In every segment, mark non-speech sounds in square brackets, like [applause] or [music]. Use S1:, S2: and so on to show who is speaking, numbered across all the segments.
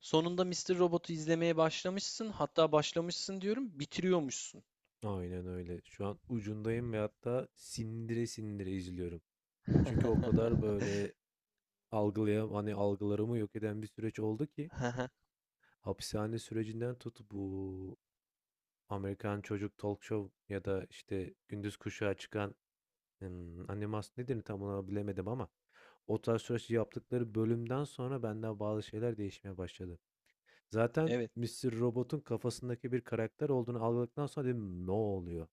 S1: Sonunda Mister Robot'u izlemeye başlamışsın. Hatta başlamışsın diyorum, bitiriyormuşsun.
S2: Aynen öyle. Şu an ucundayım ve hatta sindire sindire izliyorum. Çünkü o kadar
S1: [laughs]
S2: böyle algılayam hani algılarımı yok eden bir süreç oldu ki hapishane sürecinden tut bu Amerikan Çocuk Talk Show ya da işte Gündüz Kuşağı çıkan animasyon nedir tam olarak bilemedim ama o tarz süreç yaptıkları bölümden sonra benden bazı şeyler değişmeye başladı. Zaten
S1: Evet.
S2: Mister Robot'un kafasındaki bir karakter olduğunu algıladıktan sonra dedim ne oluyor?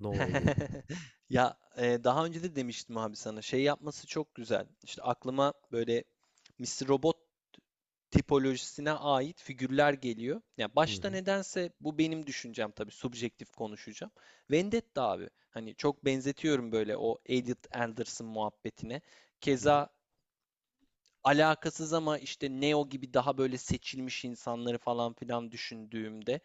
S2: Ne oluyor?
S1: [laughs] Daha önce de demiştim abi sana. Şey yapması çok güzel. İşte aklıma böyle Mister Robot tipolojisine ait figürler geliyor. Ya
S2: Hı
S1: başta
S2: hı.
S1: nedense bu benim düşüncem, tabii subjektif konuşacağım. Vendetta abi. Hani çok benzetiyorum böyle o Elliot Anderson muhabbetine.
S2: Hı hı.
S1: Keza alakasız ama işte Neo gibi daha böyle seçilmiş insanları falan filan düşündüğümde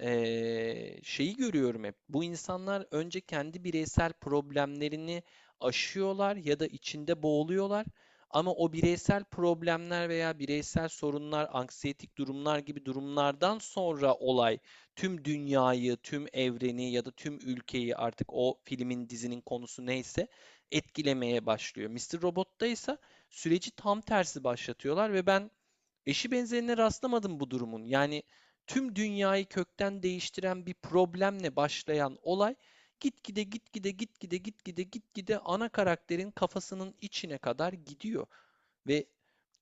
S1: şeyi görüyorum hep. Bu insanlar önce kendi bireysel problemlerini aşıyorlar ya da içinde boğuluyorlar. Ama o bireysel problemler veya bireysel sorunlar, anksiyetik durumlar gibi durumlardan sonra olay tüm dünyayı, tüm evreni ya da tüm ülkeyi, artık o filmin, dizinin konusu neyse, etkilemeye başlıyor. Mister Robot'ta ise süreci tam tersi başlatıyorlar ve ben eşi benzerine rastlamadım bu durumun. Yani tüm dünyayı kökten değiştiren bir problemle başlayan olay gitgide ana karakterin kafasının içine kadar gidiyor ve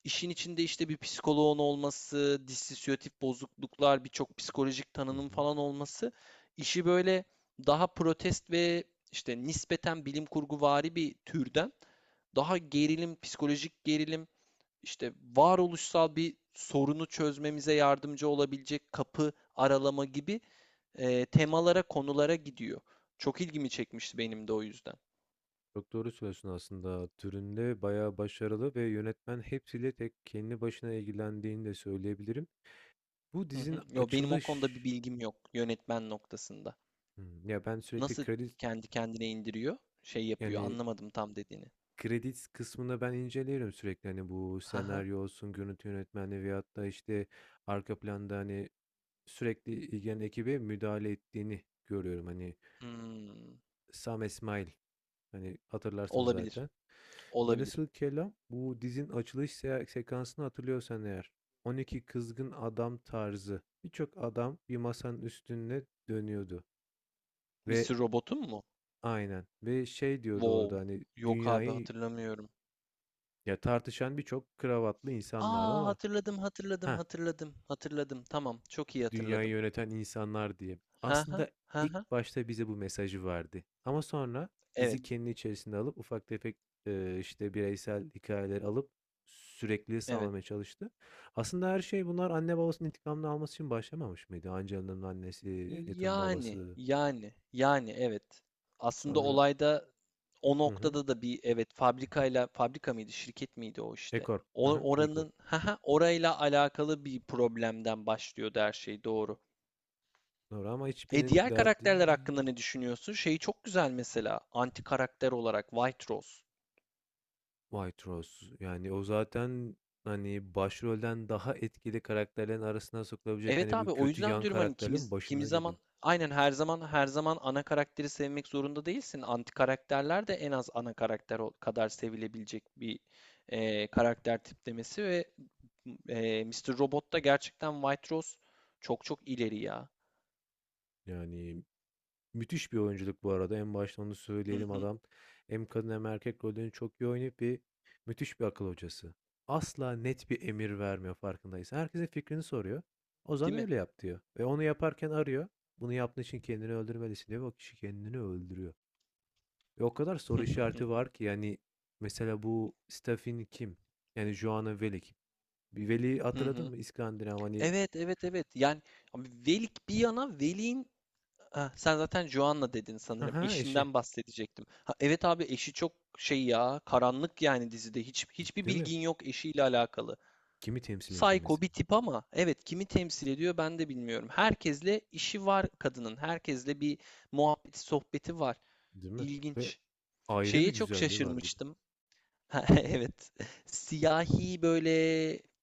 S1: işin içinde işte bir psikoloğun olması, dissosiyatif bozukluklar, birçok psikolojik
S2: Hı
S1: tanının
S2: hı.
S1: falan olması işi böyle daha protest ve işte nispeten bilim kurguvari bir türden daha gerilim, psikolojik gerilim, işte varoluşsal bir sorunu çözmemize yardımcı olabilecek kapı aralama gibi temalara, konulara gidiyor. Çok ilgimi çekmişti benim de o yüzden.
S2: Çok doğru söylüyorsun aslında. Türünde bayağı başarılı ve yönetmen hepsiyle tek kendi başına ilgilendiğini de söyleyebilirim. Bu
S1: Hı
S2: dizinin
S1: hı. Yo, benim o konuda
S2: açılış.
S1: bir bilgim yok yönetmen noktasında.
S2: Ya ben sürekli
S1: Nasıl
S2: kredi,
S1: kendi kendine indiriyor? Şey yapıyor.
S2: yani
S1: Anlamadım tam dediğini.
S2: kredi kısmını ben inceliyorum sürekli hani bu
S1: Haha.
S2: senaryo olsun, görüntü yönetmenliği veyahut da işte arka planda hani sürekli ilgilenen ekibe müdahale ettiğini görüyorum. Hani
S1: Hmm.
S2: Sam İsmail. Hani hatırlarsın
S1: Olabilir.
S2: zaten.
S1: Olabilir.
S2: Velhasıl kelam bu dizin açılış sekansını hatırlıyorsan eğer 12 kızgın adam tarzı birçok adam bir masanın üstüne dönüyordu ve
S1: Mr. Robot'un mu?
S2: aynen ve şey diyordu orada
S1: Wow.
S2: hani
S1: Yok abi
S2: dünyayı
S1: hatırlamıyorum.
S2: ya tartışan birçok kravatlı insan vardı
S1: Aa,
S2: ama
S1: hatırladım hatırladım
S2: ha
S1: hatırladım hatırladım. Tamam, çok iyi
S2: dünyayı
S1: hatırladım.
S2: yöneten insanlar diye.
S1: Ha ha
S2: Aslında
S1: ha ha.
S2: ilk başta bize bu mesajı verdi. Ama sonra
S1: Evet.
S2: dizi kendi içerisinde alıp ufak tefek işte bireysel hikayeleri alıp sürekliliği
S1: Evet.
S2: sağlamaya çalıştı. Aslında her şey bunlar anne babasının intikamını alması için başlamamış mıydı? Angela'nın annesi, Elliot'ın
S1: Yani
S2: babası,
S1: yani yani evet. Aslında
S2: sonra
S1: olayda o
S2: hı hı,
S1: noktada da bir, evet, fabrikayla, fabrika mıydı şirket miydi o
S2: E
S1: işte.
S2: Corp, hı
S1: O,
S2: hı, E Corp.
S1: oranın, ha ha, orayla alakalı bir problemden başlıyordu her şey, doğru.
S2: Doğru ama
S1: E,
S2: hiçbirinin
S1: diğer
S2: derdi
S1: karakterler hakkında ne düşünüyorsun? Şeyi çok güzel mesela, anti karakter olarak White Rose.
S2: White Rose. Yani o zaten hani başrolden daha etkili karakterlerin arasına sokulabilecek
S1: Evet
S2: hani bu
S1: abi, o
S2: kötü
S1: yüzden
S2: yan
S1: diyorum hani kimi,
S2: karakterlerin
S1: kimi
S2: başında geliyor.
S1: zaman aynen, her zaman ana karakteri sevmek zorunda değilsin. Anti karakterler de en az ana karakter kadar sevilebilecek bir karakter tiplemesi ve Mr. Robot da gerçekten White Rose çok ileri ya.
S2: Yani müthiş bir oyunculuk bu arada. En başta onu
S1: Hı
S2: söyleyelim
S1: hı,
S2: adam. Hem kadın hem erkek rollerini çok iyi oynayıp bir müthiş bir akıl hocası. Asla net bir emir vermiyor farkındaysan. Herkesin fikrini soruyor. Ozan
S1: değil mi?
S2: öyle yap diyor. Ve onu yaparken arıyor. Bunu yaptığın için kendini öldürmelisin diyor. Ve o kişi kendini öldürüyor. Ve o kadar soru işareti
S1: [laughs]
S2: var ki yani mesela bu Stefan kim? Yani Joanna Velik. Bir Veli
S1: Hı
S2: hatırladın
S1: hı.
S2: mı? İskandinav hani
S1: Evet evet evet yani abi, Velik bir yana, Velik'in... Ha, sen zaten Joanna dedin
S2: ha
S1: sanırım.
S2: ha eşi
S1: Eşinden bahsedecektim. Ha, evet abi, eşi çok şey ya, karanlık, yani dizide. Hiç hiçbir
S2: değil mi?
S1: bilgin yok eşiyle alakalı.
S2: Kimi temsil ediyor
S1: Psycho bir
S2: mesela?
S1: tip ama evet, kimi temsil ediyor ben de bilmiyorum. Herkesle işi var kadının. Herkesle bir muhabbeti sohbeti var.
S2: Değil mi? Ve
S1: İlginç.
S2: ayrı bir
S1: Şeye çok
S2: güzelliği var bir de.
S1: şaşırmıştım. Ha, [laughs] evet. Siyahi böyle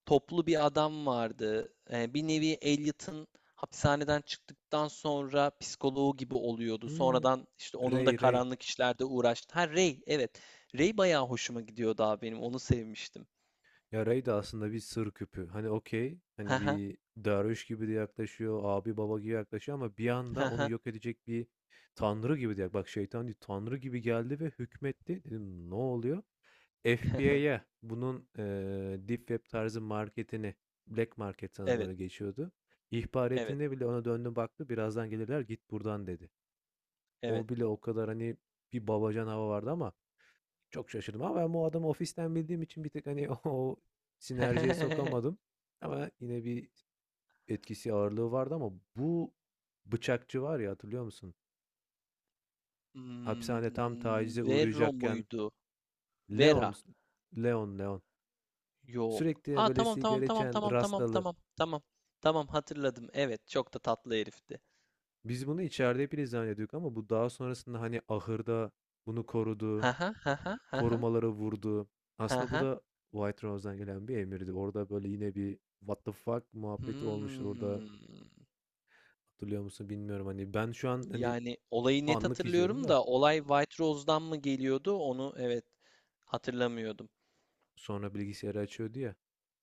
S1: toplu bir adam vardı. Bir nevi Elliot'ın hapishaneden çıktıktan sonra psikoloğu gibi oluyordu.
S2: Hmm,
S1: Sonradan işte onun da
S2: Ray. Ray.
S1: karanlık işlerde uğraştı. Ha, Ray, evet. Ray bayağı hoşuma gidiyordu abi benim. Onu sevmiştim.
S2: Ya Ray de aslında bir sır küpü. Hani okey. Hani
S1: Ha ha
S2: bir derviş gibi de yaklaşıyor. Abi baba gibi yaklaşıyor ama bir anda
S1: ha
S2: onu
S1: ha.
S2: yok edecek bir tanrı gibi de. Bak şeytan değil. Tanrı gibi geldi ve hükmetti. Dedim ne oluyor?
S1: [laughs]
S2: FBI'ya bunun, Deep Web tarzı marketini, Black Market sanırım
S1: Evet,
S2: öyle geçiyordu. İhbar
S1: evet,
S2: ettiğinde bile ona döndü baktı. "Birazdan gelirler, git buradan." dedi.
S1: evet.
S2: O bile o kadar, hani, bir babacan hava vardı ama çok şaşırdım ama ben bu adamı ofisten bildiğim için bir tık, hani, [laughs] o sinerjiye sokamadım
S1: [laughs]
S2: ama yine bir etkisi, ağırlığı vardı ama bu bıçakçı var ya, hatırlıyor musun? Hapishane tam
S1: Hmm,
S2: tacize
S1: Vero
S2: uğrayacakken
S1: muydu? Vera.
S2: Leon. Leon
S1: Yok.
S2: sürekli,
S1: Aa,
S2: böyle,
S1: tamam tamam
S2: sigara
S1: tamam
S2: içen
S1: tamam tamam
S2: rastalı.
S1: tamam tamam. Tamam, hatırladım. Evet, çok da tatlı herifti.
S2: Biz bunu içeride hep ilizam ama bu daha sonrasında, hani, ahırda bunu korudu,
S1: Ha ha ha ha ha ha
S2: korumaları vurdu. Aslında bu
S1: ha.
S2: da White Rose'dan gelen bir emirdi. Orada, böyle, yine bir "what the fuck" muhabbeti olmuştu orada.
S1: Hmm.
S2: Hatırlıyor musun bilmiyorum. Hani, ben şu an, hani,
S1: Yani olayı net
S2: anlık izliyorum
S1: hatırlıyorum
S2: da.
S1: da olay White Rose'dan mı geliyordu onu evet. hatırlamıyordum.
S2: Sonra bilgisayarı açıyordu ya.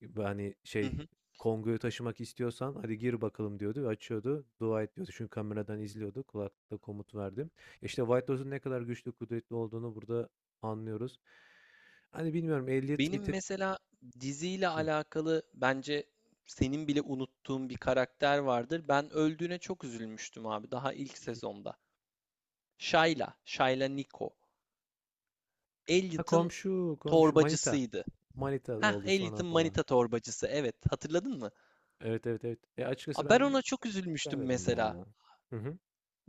S2: B hani,
S1: Hı
S2: şey,
S1: hı.
S2: Kongo'yu taşımak istiyorsan hadi gir bakalım diyordu ve açıyordu. Dua et diyordu. Çünkü kameradan izliyordu. Kulaklıkla komut verdim. İşte White Lotus'un ne kadar güçlü, kudretli olduğunu burada anlıyoruz. Hani bilmiyorum Elliot bir
S1: Benim
S2: tık.
S1: mesela diziyle
S2: Hıh.
S1: alakalı bence senin bile unuttuğun bir karakter vardır. Ben öldüğüne çok üzülmüştüm abi, daha ilk sezonda. Shayla, Shayla Nico.
S2: Ha,
S1: Elliot'ın
S2: komşu, komşu manita.
S1: torbacısıydı.
S2: Manita da
S1: Heh,
S2: oldu sonra
S1: Elliot'ın
S2: falan.
S1: manita torbacısı. Evet, hatırladın mı?
S2: Evet, evet, evet. Ya, açıkçası
S1: Aa, ben
S2: ben
S1: ona çok üzülmüştüm
S2: sevmedim
S1: mesela.
S2: ya. Hı hı.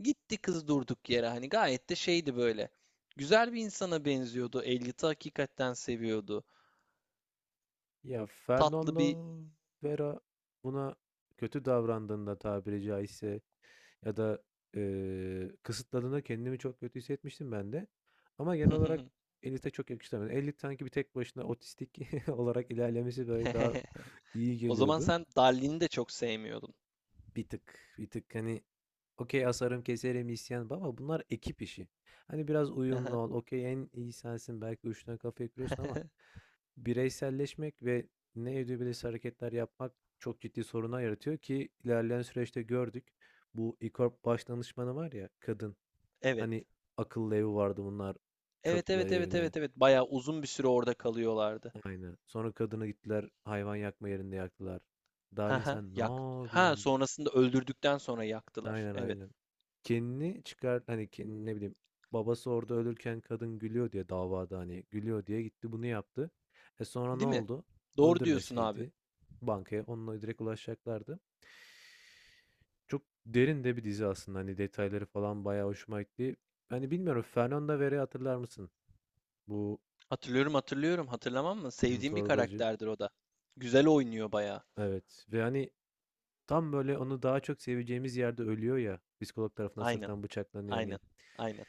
S1: Gitti kız durduk yere, hani gayet de şeydi böyle. Güzel bir insana benziyordu. Elliot'ı hakikaten seviyordu.
S2: Ya,
S1: Tatlı
S2: Fernando
S1: bir...
S2: Vera buna kötü davrandığında tabiri caizse. Ya da, kısıtladığında kendimi çok kötü hissetmiştim ben de. Ama genel olarak Elif'e çok yakıştıramadım. Elif sanki bir tek başına otistik [laughs] olarak ilerlemesi böyle daha
S1: [laughs]
S2: iyi
S1: O zaman
S2: geliyordu.
S1: sen Darlin'i de çok sevmiyordun.
S2: Bir tık hani okey asarım, keserim, isyan baba bunlar ekip işi. Hani biraz uyumlu ol. Okey en iyi sensin belki uçtan kafaya kırıyorsun ama
S1: [laughs]
S2: bireyselleşmek ve ne edebilirse hareketler yapmak çok ciddi sorunlar yaratıyor ki ilerleyen süreçte gördük. Bu İKORP baş danışmanı var ya kadın.
S1: Evet.
S2: Hani, akıllı evi vardı bunlar,
S1: Evet
S2: çöktüler
S1: evet evet
S2: evine.
S1: evet evet. Bayağı uzun bir süre orada kalıyorlardı.
S2: Aynen. Sonra kadını gittiler hayvan yakma yerinde yaktılar. Dalin
S1: [laughs]
S2: sen
S1: Yak.
S2: ne
S1: Ha,
S2: yapıyorsun?"
S1: sonrasında öldürdükten sonra yaktılar.
S2: Aynen,
S1: Evet.
S2: aynen. Kendini çıkar hani, kendini ne bileyim, babası orada ölürken kadın gülüyor diye davada, hani, gülüyor diye gitti bunu yaptı. E, sonra ne
S1: Değil mi?
S2: oldu?
S1: Doğru diyorsun abi.
S2: Öldürmeseydi bankaya onunla direkt ulaşacaklardı. Çok derin de bir dizi aslında, hani, detayları falan bayağı hoşuma gitti. Hani, bilmiyorum Fernanda Vera'yı hatırlar mısın? Bu,
S1: Hatırlıyorum hatırlıyorum. Hatırlamam mı? Sevdiğim bir
S2: torbacı.
S1: karakterdir o da. Güzel oynuyor bayağı.
S2: Evet ve, hani, tam böyle onu daha çok seveceğimiz yerde ölüyor ya, psikolog tarafından
S1: Aynen.
S2: sırttan bıçaklanıyor,
S1: Aynen.
S2: hani.
S1: Aynen.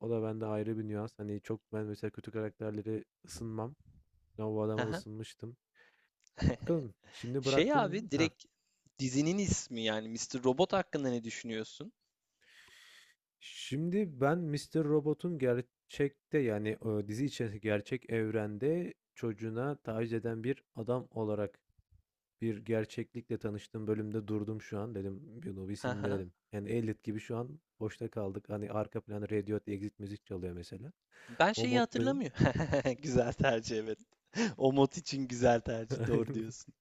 S2: O da bende ayrı bir nüans. Hani, çok ben mesela kötü karakterlere ısınmam ama bu adama
S1: Haha.
S2: ısınmıştım.
S1: [laughs]
S2: Bakalım şimdi
S1: Şey
S2: bıraktım
S1: abi,
S2: ha.
S1: direkt dizinin ismi yani Mister Robot hakkında ne düşünüyorsun?
S2: Şimdi ben Mister Robot'un gerçekte, yani, dizi içerisindeki gerçek evrende çocuğuna taciz eden bir adam olarak bir gerçeklikle tanıştığım bölümde durdum şu an. Dedim bunu bir
S1: Haha.
S2: sindirelim. Yani Elliot gibi şu an boşta kaldık. Hani arka planı Radiohead Exit müzik çalıyor mesela.
S1: Ben
S2: O
S1: şeyi
S2: moddayım.
S1: hatırlamıyorum. [laughs] Güzel tercih, evet. O mod için güzel tercih. Doğru
S2: [laughs]
S1: diyorsun.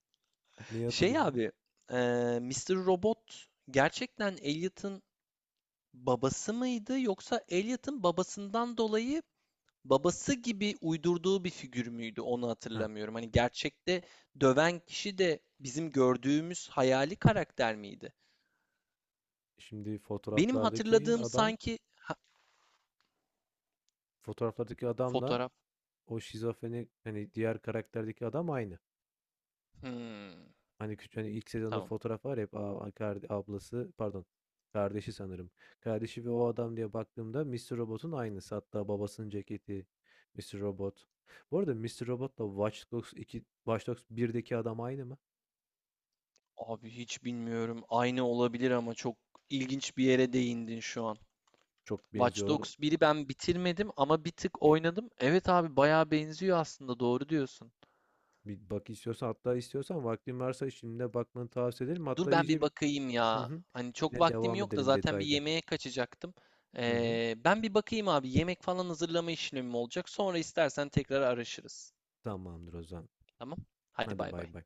S2: Neyi
S1: Şey
S2: hatırlıyorsun?
S1: abi eee Mr. Robot gerçekten Elliot'ın babası mıydı yoksa Elliot'ın babasından dolayı babası gibi uydurduğu bir figür müydü, onu
S2: Heh.
S1: hatırlamıyorum. Hani gerçekte döven kişi de bizim gördüğümüz hayali karakter miydi?
S2: Şimdi
S1: Benim
S2: fotoğraflardaki
S1: hatırladığım
S2: adam,
S1: sanki... Ha,
S2: fotoğraflardaki adamla
S1: fotoğraf.
S2: o şizofreni hani diğer karakterdeki adam aynı.
S1: Hmm,
S2: Hani küçük hani ilk sezonda
S1: tamam.
S2: fotoğraf var ya hep a a karde ablası pardon, kardeşi sanırım. Kardeşi ve o adam diye baktığımda Mr. Robot'un aynısı. Hatta babasının ceketi Mr. Robot. Bu arada Mr. Robot'la Watch Dogs 2, Watch Dogs birdeki adam aynı mı?
S1: Abi hiç bilmiyorum. Aynı olabilir ama çok ilginç bir yere değindin şu an.
S2: Çok
S1: Watch
S2: benziyorlar.
S1: Dogs biri ben bitirmedim ama bir tık oynadım. Evet abi, bayağı benziyor aslında, doğru diyorsun.
S2: Bir bak istiyorsan hatta istiyorsan vaktin varsa şimdi bakmanı tavsiye ederim.
S1: Dur
S2: Hatta
S1: ben
S2: iyice
S1: bir
S2: bir
S1: bakayım
S2: hı
S1: ya.
S2: hı.
S1: Hani çok
S2: Yine
S1: vaktim
S2: devam
S1: yok da,
S2: edelim
S1: zaten bir
S2: detaylı.
S1: yemeğe kaçacaktım.
S2: Hı hı.
S1: Ben bir bakayım abi. Yemek falan hazırlama işlemim olacak. Sonra istersen tekrar araşırız.
S2: Tamamdır o zaman.
S1: Tamam? Hadi
S2: Hadi
S1: bay bay.
S2: bay bay.